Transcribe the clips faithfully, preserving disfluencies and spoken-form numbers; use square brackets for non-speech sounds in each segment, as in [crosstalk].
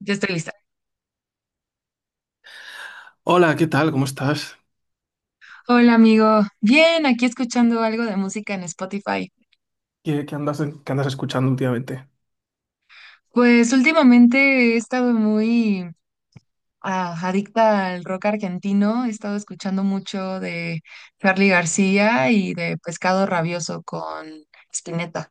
Ya estoy lista. Hola, ¿qué tal? ¿Cómo estás? Hola, amigo. Bien, aquí escuchando algo de música en Spotify. ¿Qué, qué andas, qué andas escuchando últimamente? Pues últimamente he estado muy ah, adicta al rock argentino. He estado escuchando mucho de Charly García y de Pescado Rabioso con Spinetta.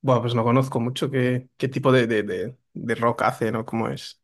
Bueno, pues no conozco mucho qué, qué tipo de, de, de- de rock hace, ¿no? ¿Cómo es?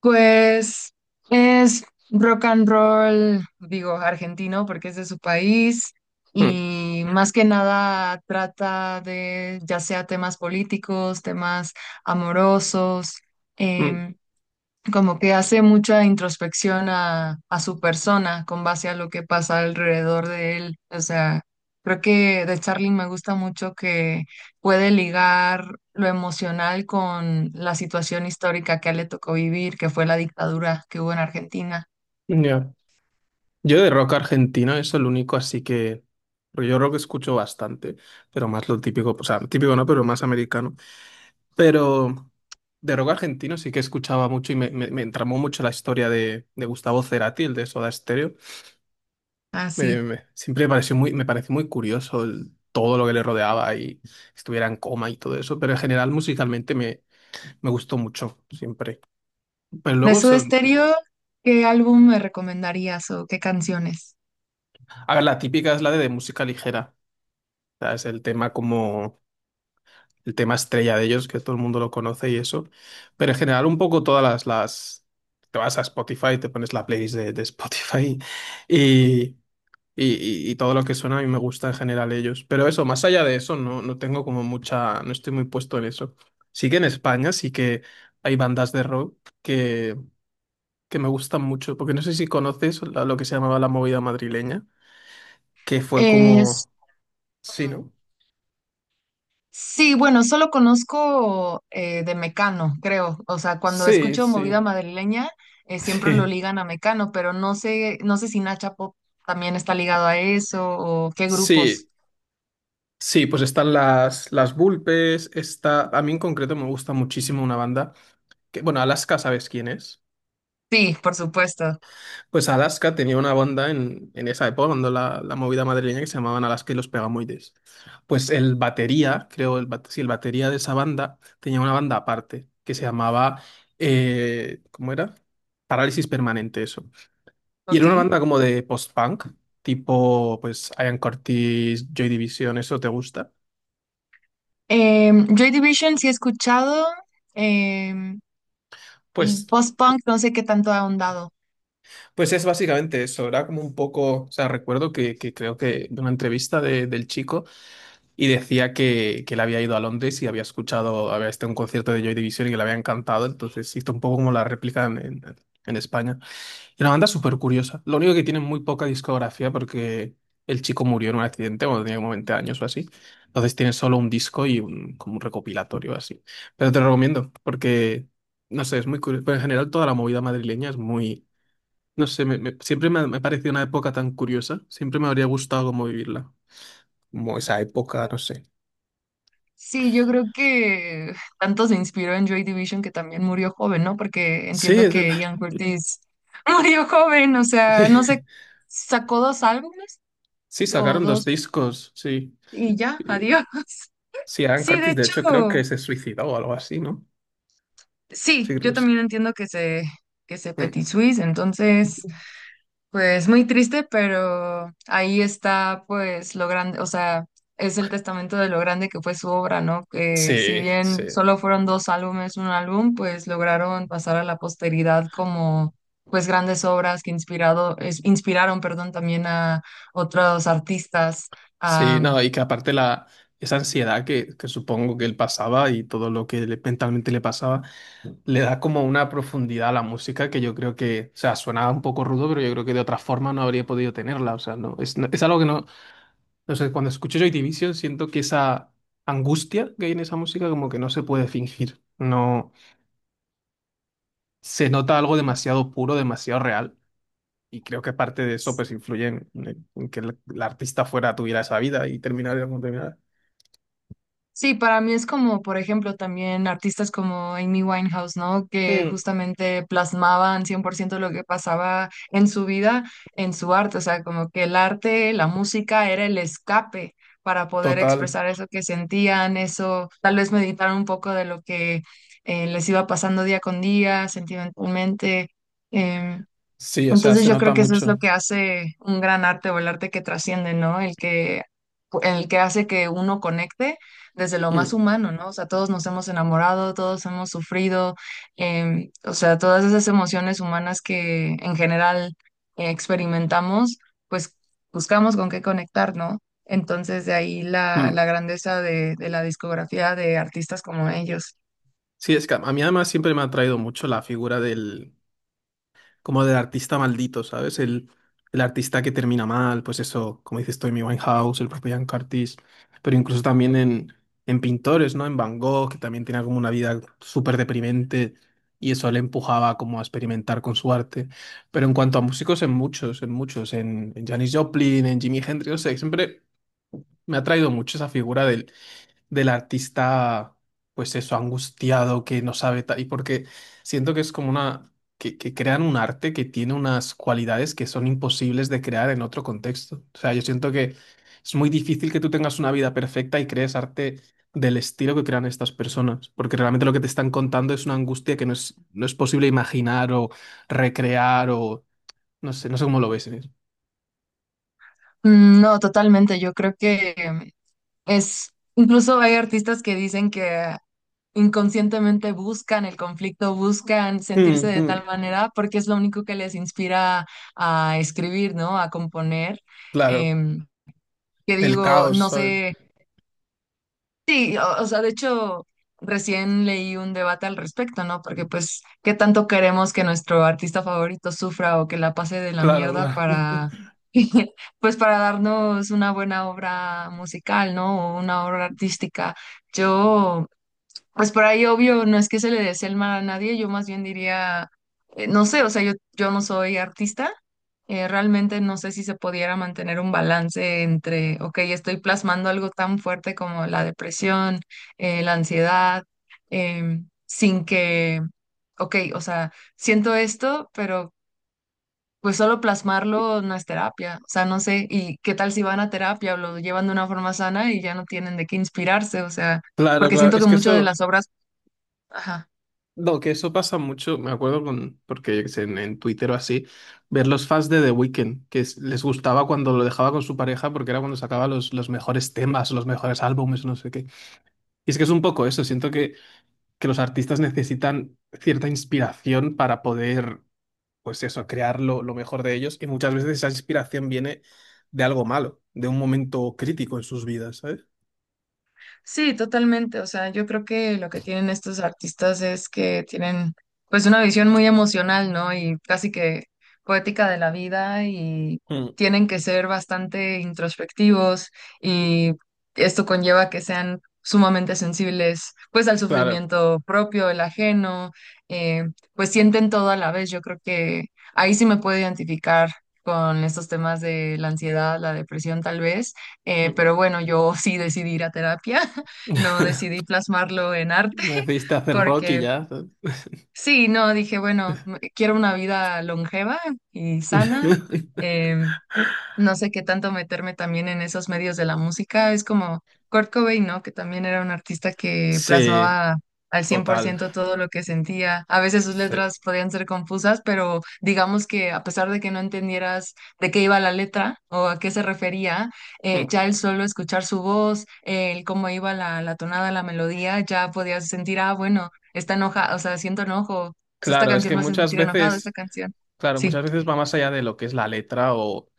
Pues es rock and roll, digo, argentino porque es de su país Mm, y más que nada trata de ya sea temas políticos, temas amorosos, mm, em, como que hace mucha introspección a, a su persona con base a lo que pasa alrededor de él. O sea, creo que de Charlie me gusta mucho que puede ligar lo emocional con la situación histórica que a él le tocó vivir, que fue la dictadura que hubo en Argentina. ya. Yo de rock argentino, eso es lo único, así que... porque yo rock escucho bastante, pero más lo típico, o sea, típico no, pero más americano. Pero de rock argentino sí que escuchaba mucho y me, me, me entramó mucho la historia de, de Gustavo Cerati, el de Soda Stereo. Me, Así. Me- siempre me pareció muy, me pareció muy curioso el- todo lo que le rodeaba y estuviera en coma y todo eso, pero en general musicalmente me, me gustó mucho, siempre. Pero De luego Soda son, Stereo, ¿qué álbum me recomendarías o qué canciones? a ver, la típica es la de, de música ligera, o sea, es el tema como el tema estrella de ellos, que todo el mundo lo conoce y eso, pero en general un poco todas las, las te vas a Spotify, te pones la playlist de, de Spotify y, Y, y- y todo lo que suena a mí me gusta en general ellos. Pero eso, más allá de eso, no, no tengo como mucha, no estoy muy puesto en eso. Sí que en España sí que hay bandas de rock que, que me gustan mucho, porque no sé si conoces la- lo que se llamaba la movida madrileña, que fue como... Sí, ¿no? Sí, bueno, solo conozco eh, de Mecano, creo. O sea, cuando Sí, escucho movida sí. madrileña, eh, [laughs] siempre lo Sí. ligan a Mecano, pero no sé, no sé si Nacha Pop también está ligado a eso o qué Sí, grupos. sí, pues están las, las Vulpes, está... A mí en concreto me gusta muchísimo una banda que, bueno, Alaska, ¿sabes quién es? Sí, por supuesto. Pues Alaska tenía una banda en, en esa época, cuando la, la movida madrileña, que se llamaban Alaska y los Pegamoides. Pues el batería, creo, el, bate- sí, el batería de esa banda tenía una banda aparte, que se llamaba, eh, ¿cómo era? Parálisis Permanente, eso. Y era Ok. una banda como de post-punk, tipo, pues, Ian Curtis, Joy Division, ¿eso te gusta? Em, Joy Division sí he escuchado em, y Pues, post-punk no sé qué tanto ha ahondado. pues es básicamente eso, era como un poco, o sea, recuerdo que, que creo que de una entrevista de- del chico y decía que, que él había ido a Londres y había escuchado, había estado en un concierto de Joy Division y que le había encantado, entonces hizo un poco como la réplica en, en, en España. Y una banda súper curiosa, lo único que tiene muy poca discografía porque el chico murió en un accidente cuando tenía como veinte años o así, entonces tiene solo un disco y un, como un recopilatorio así. Pero te lo recomiendo porque, no sé, es muy curioso, pero en general toda la movida madrileña es muy... No sé, me- me- siempre me ha, me ha parecido una época tan curiosa, siempre me habría gustado como vivirla, como esa época, no sé. Sí, yo creo que tanto se inspiró en Joy Division que también murió joven, ¿no? Porque Sí, entiendo es que verdad. Ian Curtis [laughs] murió joven, o [laughs] Sí, sea, no sé, sacó dos álbumes sí, o sacaron dos dos discos, sí. y ya, Eh, adiós. [laughs] sí, Aaron Sí, de Curtis, de hecho, hecho, creo que se suicidó o algo así, ¿no? Sí, sí, creo yo que sí. también entiendo que se, que se Mm. Petit Suisse, entonces pues muy triste, pero ahí está pues lo grande, o sea, es el testamento de lo grande que fue su obra, ¿no? Que si Sí, bien sí. solo fueron dos álbumes, un álbum, pues lograron pasar a la posteridad como pues grandes obras que inspirado, es- inspiraron, perdón, también a otros artistas. Sí, no, y que aparte la, esa ansiedad que, que supongo que él pasaba y todo lo que le- mentalmente le pasaba, le da como una profundidad a la música que yo creo que, o sea, suena un poco rudo, pero yo creo que de otra forma no habría podido tenerla. O sea, no, es, no- es algo que no, no sé, cuando escucho Joy Division siento que esa angustia que hay en esa música como que no se puede fingir. No, se nota algo demasiado puro, demasiado real. Y creo que parte de eso pues influye en, en- en que el, el artista fuera tuviera esa vida y terminara como terminara. Sí, para mí es como, por ejemplo, también artistas como Amy Winehouse, ¿no? Que Mm. justamente plasmaban cien por ciento lo que pasaba en su vida, en su arte, o sea, como que el arte, la música era el escape para poder Total, expresar eso que sentían, eso, tal vez meditar un poco de lo que eh, les iba pasando día con día, sentimentalmente. Em, sí, o sea, entonces se yo creo nota que eso es lo mucho. que hace un gran arte o el arte que trasciende, ¿no? El que, el que hace que uno conecte desde lo más Mm, humano, ¿no? O sea, todos nos hemos enamorado, todos hemos sufrido, em, o sea, todas esas emociones humanas que en general eh, experimentamos, pues buscamos con qué conectar, ¿no? Entonces de ahí la, mm. la grandeza de, de la discografía de artistas como ellos. Sí, es que a mí además siempre me ha atraído mucho la figura del, como del artista maldito, ¿sabes? El, el artista que termina mal, pues eso, como dices tú, Amy Winehouse, el propio Ian Curtis, pero incluso también en, en pintores, ¿no? En Van Gogh, que también tenía como una vida súper deprimente y eso le empujaba como a experimentar con su arte. Pero en cuanto a músicos, en muchos, en muchos, en, en Janis Joplin, en Jimi Hendrix, no sé, siempre me ha traído mucho esa figura del artista, pues eso, angustiado, que no sabe tal, y porque siento que es como una, que, que crean un arte que tiene unas cualidades que son imposibles de crear en otro contexto. O sea, yo siento que es muy difícil que tú tengas una vida perfecta y crees arte del estilo que crean estas personas, porque realmente lo que te están contando es una angustia que no es, no es posible imaginar o recrear o no sé, no sé cómo lo ves. ¿Eh? Mm. No, totalmente. Yo creo que es, incluso hay artistas que dicen que inconscientemente buscan el conflicto, buscan sentirse Mm, de mm, tal manera porque es lo único que les inspira a escribir, ¿no? A componer. claro, Em, que el digo, caos, no ¿sabes? sé. Sí, o, o sea, de hecho, recién leí un debate al respecto, ¿no? Porque pues, ¿qué tanto queremos que nuestro artista favorito sufra o que la pase de la Claro, mierda claro, [laughs] para, [laughs] pues, para darnos una buena obra musical, ¿no? O una obra artística. Yo pues por ahí, obvio, no es que se le desee el mal a nadie, yo más bien diría, eh, no sé, o sea, yo, yo no soy artista, eh, realmente no sé si se pudiera mantener un balance entre, ok, estoy plasmando algo tan fuerte como la depresión, eh, la ansiedad, em, sin que, ok, o sea, siento esto, pero pues solo plasmarlo no es terapia, o sea, no sé, y qué tal si van a terapia o lo llevan de una forma sana y ya no tienen de qué inspirarse, o sea, claro, porque claro. siento que Es que muchas de eso... las obras... Ajá. No, que eso pasa mucho, me acuerdo con, porque yo qué sé, en, en Twitter o así, ver los fans de The Weeknd, que es- les gustaba cuando lo dejaba con su pareja porque era cuando sacaba los, los mejores temas, los mejores álbumes, no sé qué. Y es que es un poco eso, siento que, que los artistas necesitan cierta inspiración para poder, pues eso, crear lo, lo mejor de ellos y muchas veces esa inspiración viene de algo malo, de un momento crítico en sus vidas, ¿sabes? Sí, totalmente. O sea, yo creo que lo que tienen estos artistas es que tienen pues una visión muy emocional, ¿no? Y casi que poética de la vida y Mm, tienen que ser bastante introspectivos y esto conlleva que sean sumamente sensibles pues al claro. sufrimiento propio, el ajeno, eh, pues sienten todo a la vez. Yo creo que ahí sí me puedo identificar con estos temas de la ansiedad, la depresión tal vez eh, Mm. pero bueno, yo [laughs] sí decidí ir a terapia, [laughs] [laughs] no decidí plasmarlo en arte, Decidiste [laughs] hacer rock y porque ya. sí, no, dije, bueno, m- quiero una vida longeva y sana. [laughs] em, no sé qué tanto meterme también en esos medios de la música. Es como Kurt Cobain, ¿no? Que también era un artista que Sí. plasmaba al cien por Total. ciento todo lo que sentía. A veces sus Sí. letras podían ser confusas, pero digamos que a pesar de que no entendieras de qué iba la letra o a qué se refería, eh, Mm. ya el solo escuchar su voz, eh, el cómo iba la, la tonada, la melodía, ya podías sentir, ah, bueno, está enojado, o sea, siento enojo. O sea, esta Claro, es canción que me hace muchas sentir enojado, esta veces, canción. claro, Sí. muchas veces va más allá de lo que es la letra o,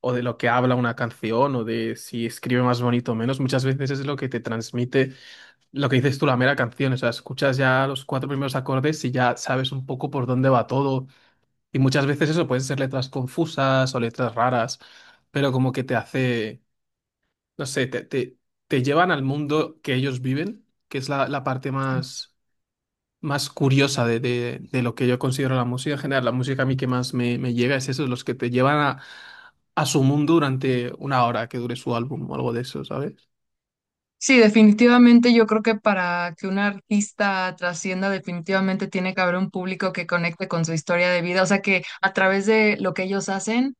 o de lo que habla una canción o de si escribe más bonito o menos. Muchas veces es lo que te transmite, lo que dices tú, la mera canción. O sea, escuchas ya los cuatro primeros acordes y ya sabes un poco por dónde va todo. Y muchas veces eso pueden ser letras confusas o letras raras, pero como que te hace, no sé, te, te, te llevan al mundo que ellos viven, que es la, la parte Sí. más más curiosa de, de- de lo que yo considero la música en general. La música a mí que más me, me llega es eso, los que te llevan a, a su mundo durante una hora que dure su álbum o algo de eso, ¿sabes? Sí, definitivamente yo creo que para que un artista trascienda, definitivamente tiene que haber un público que conecte con su historia de vida, o sea que a través de lo que ellos hacen,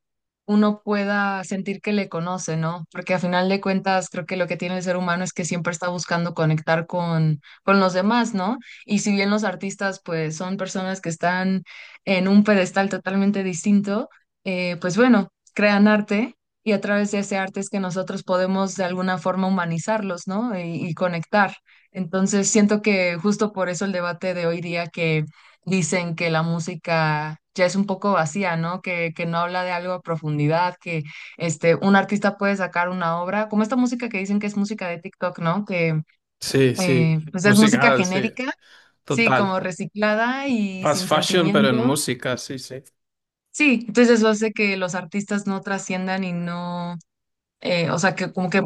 uno pueda sentir que le conoce, ¿no? Porque a final de cuentas creo que lo que tiene el ser humano es que siempre está buscando conectar con, con los demás, ¿no? Y si bien los artistas pues son personas que están en un pedestal totalmente distinto, eh, pues bueno, crean arte. Y a través de ese arte es que nosotros podemos de alguna forma humanizarlos, ¿no? Y, y conectar. Entonces, siento que justo por eso el debate de hoy día que dicen que la música ya es un poco vacía, ¿no? Que, que no habla de algo a profundidad, que este, un artista puede sacar una obra, como esta música que dicen que es música de TikTok, ¿no? Que Sí, sí, eh, pues es música música, sí, genérica, sí, total. como reciclada y Fast sin fashion, pero en sentimiento. música, sí, sí. Sí, entonces eso hace que los artistas no trasciendan y no eh, o sea, que como que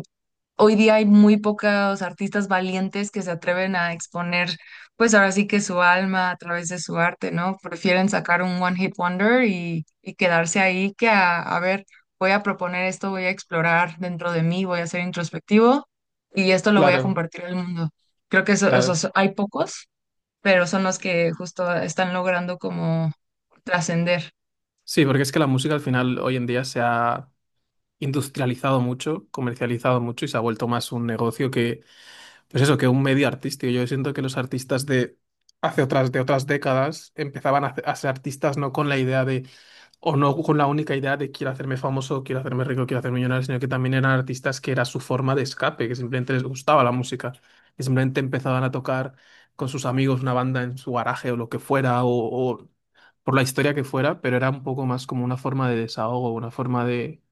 hoy día hay muy pocos artistas valientes que se atreven a exponer, pues ahora sí que su alma a través de su arte, ¿no? Prefieren sacar un one hit wonder y, y quedarse ahí que a, a ver, voy a proponer esto, voy a explorar dentro de mí, voy a ser introspectivo y esto lo voy a Claro, compartir al mundo. Creo que eso, claro. esos hay pocos, pero son los que justo están logrando como trascender. Sí, porque es que la música al final hoy en día se ha industrializado mucho, comercializado mucho y se ha vuelto más un negocio que, pues eso, que un medio artístico. Yo siento que los artistas de hace otras, de otras décadas empezaban a, a ser artistas no con la idea de, o no con la única idea de quiero hacerme famoso, quiero hacerme rico, quiero hacerme millonario, sino que también eran artistas que era su forma de escape, que simplemente les gustaba la música, que simplemente empezaban a tocar con sus amigos una banda en su garaje o lo que fuera, o, o por la historia que fuera, pero era un poco más como una forma de desahogo, una forma de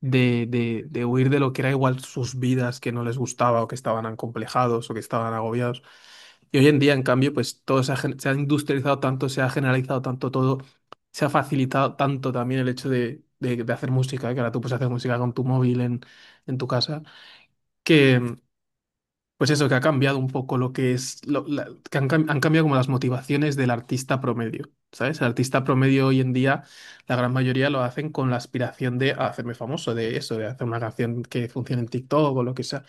de, de, de huir de lo que era igual sus vidas que no les gustaba o que estaban acomplejados o que estaban agobiados. Y hoy en día, en cambio, pues todo se ha, gen- se ha industrializado tanto, se ha generalizado tanto todo, se ha facilitado tanto también el hecho de, de, de hacer música, que ahora tú puedes hacer música con tu móvil en, en tu casa, pues eso, que ha cambiado un poco lo que es, lo- la- que han, cam- han cambiado como las motivaciones del artista promedio, ¿sabes? El artista promedio hoy en día, la gran mayoría lo hacen con la aspiración de hacerme famoso, de eso, de hacer una canción que funcione en TikTok o lo que sea.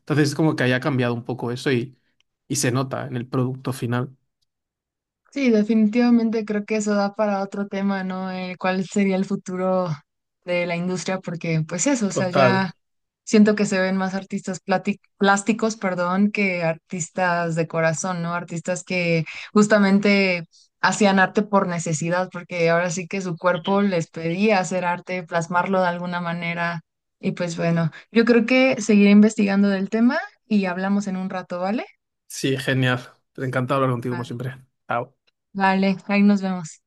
Entonces es como que haya cambiado un poco eso y, y se nota en el producto final. Sí, definitivamente creo que eso da para otro tema, ¿no? Eh, ¿cuál sería el futuro de la industria? Porque, pues eso, o sea, Total. ya siento que se ven más artistas plati- plásticos, perdón, que artistas de corazón, ¿no? Artistas que justamente hacían arte por necesidad, porque ahora sí que su cuerpo les pedía hacer arte, plasmarlo de alguna manera. Y pues bueno, yo creo que seguiré investigando del tema y hablamos en un rato, ¿vale? Sí, genial. Encantado de hablar contigo como Vale, siempre. Chao. vale, ahí nos vemos.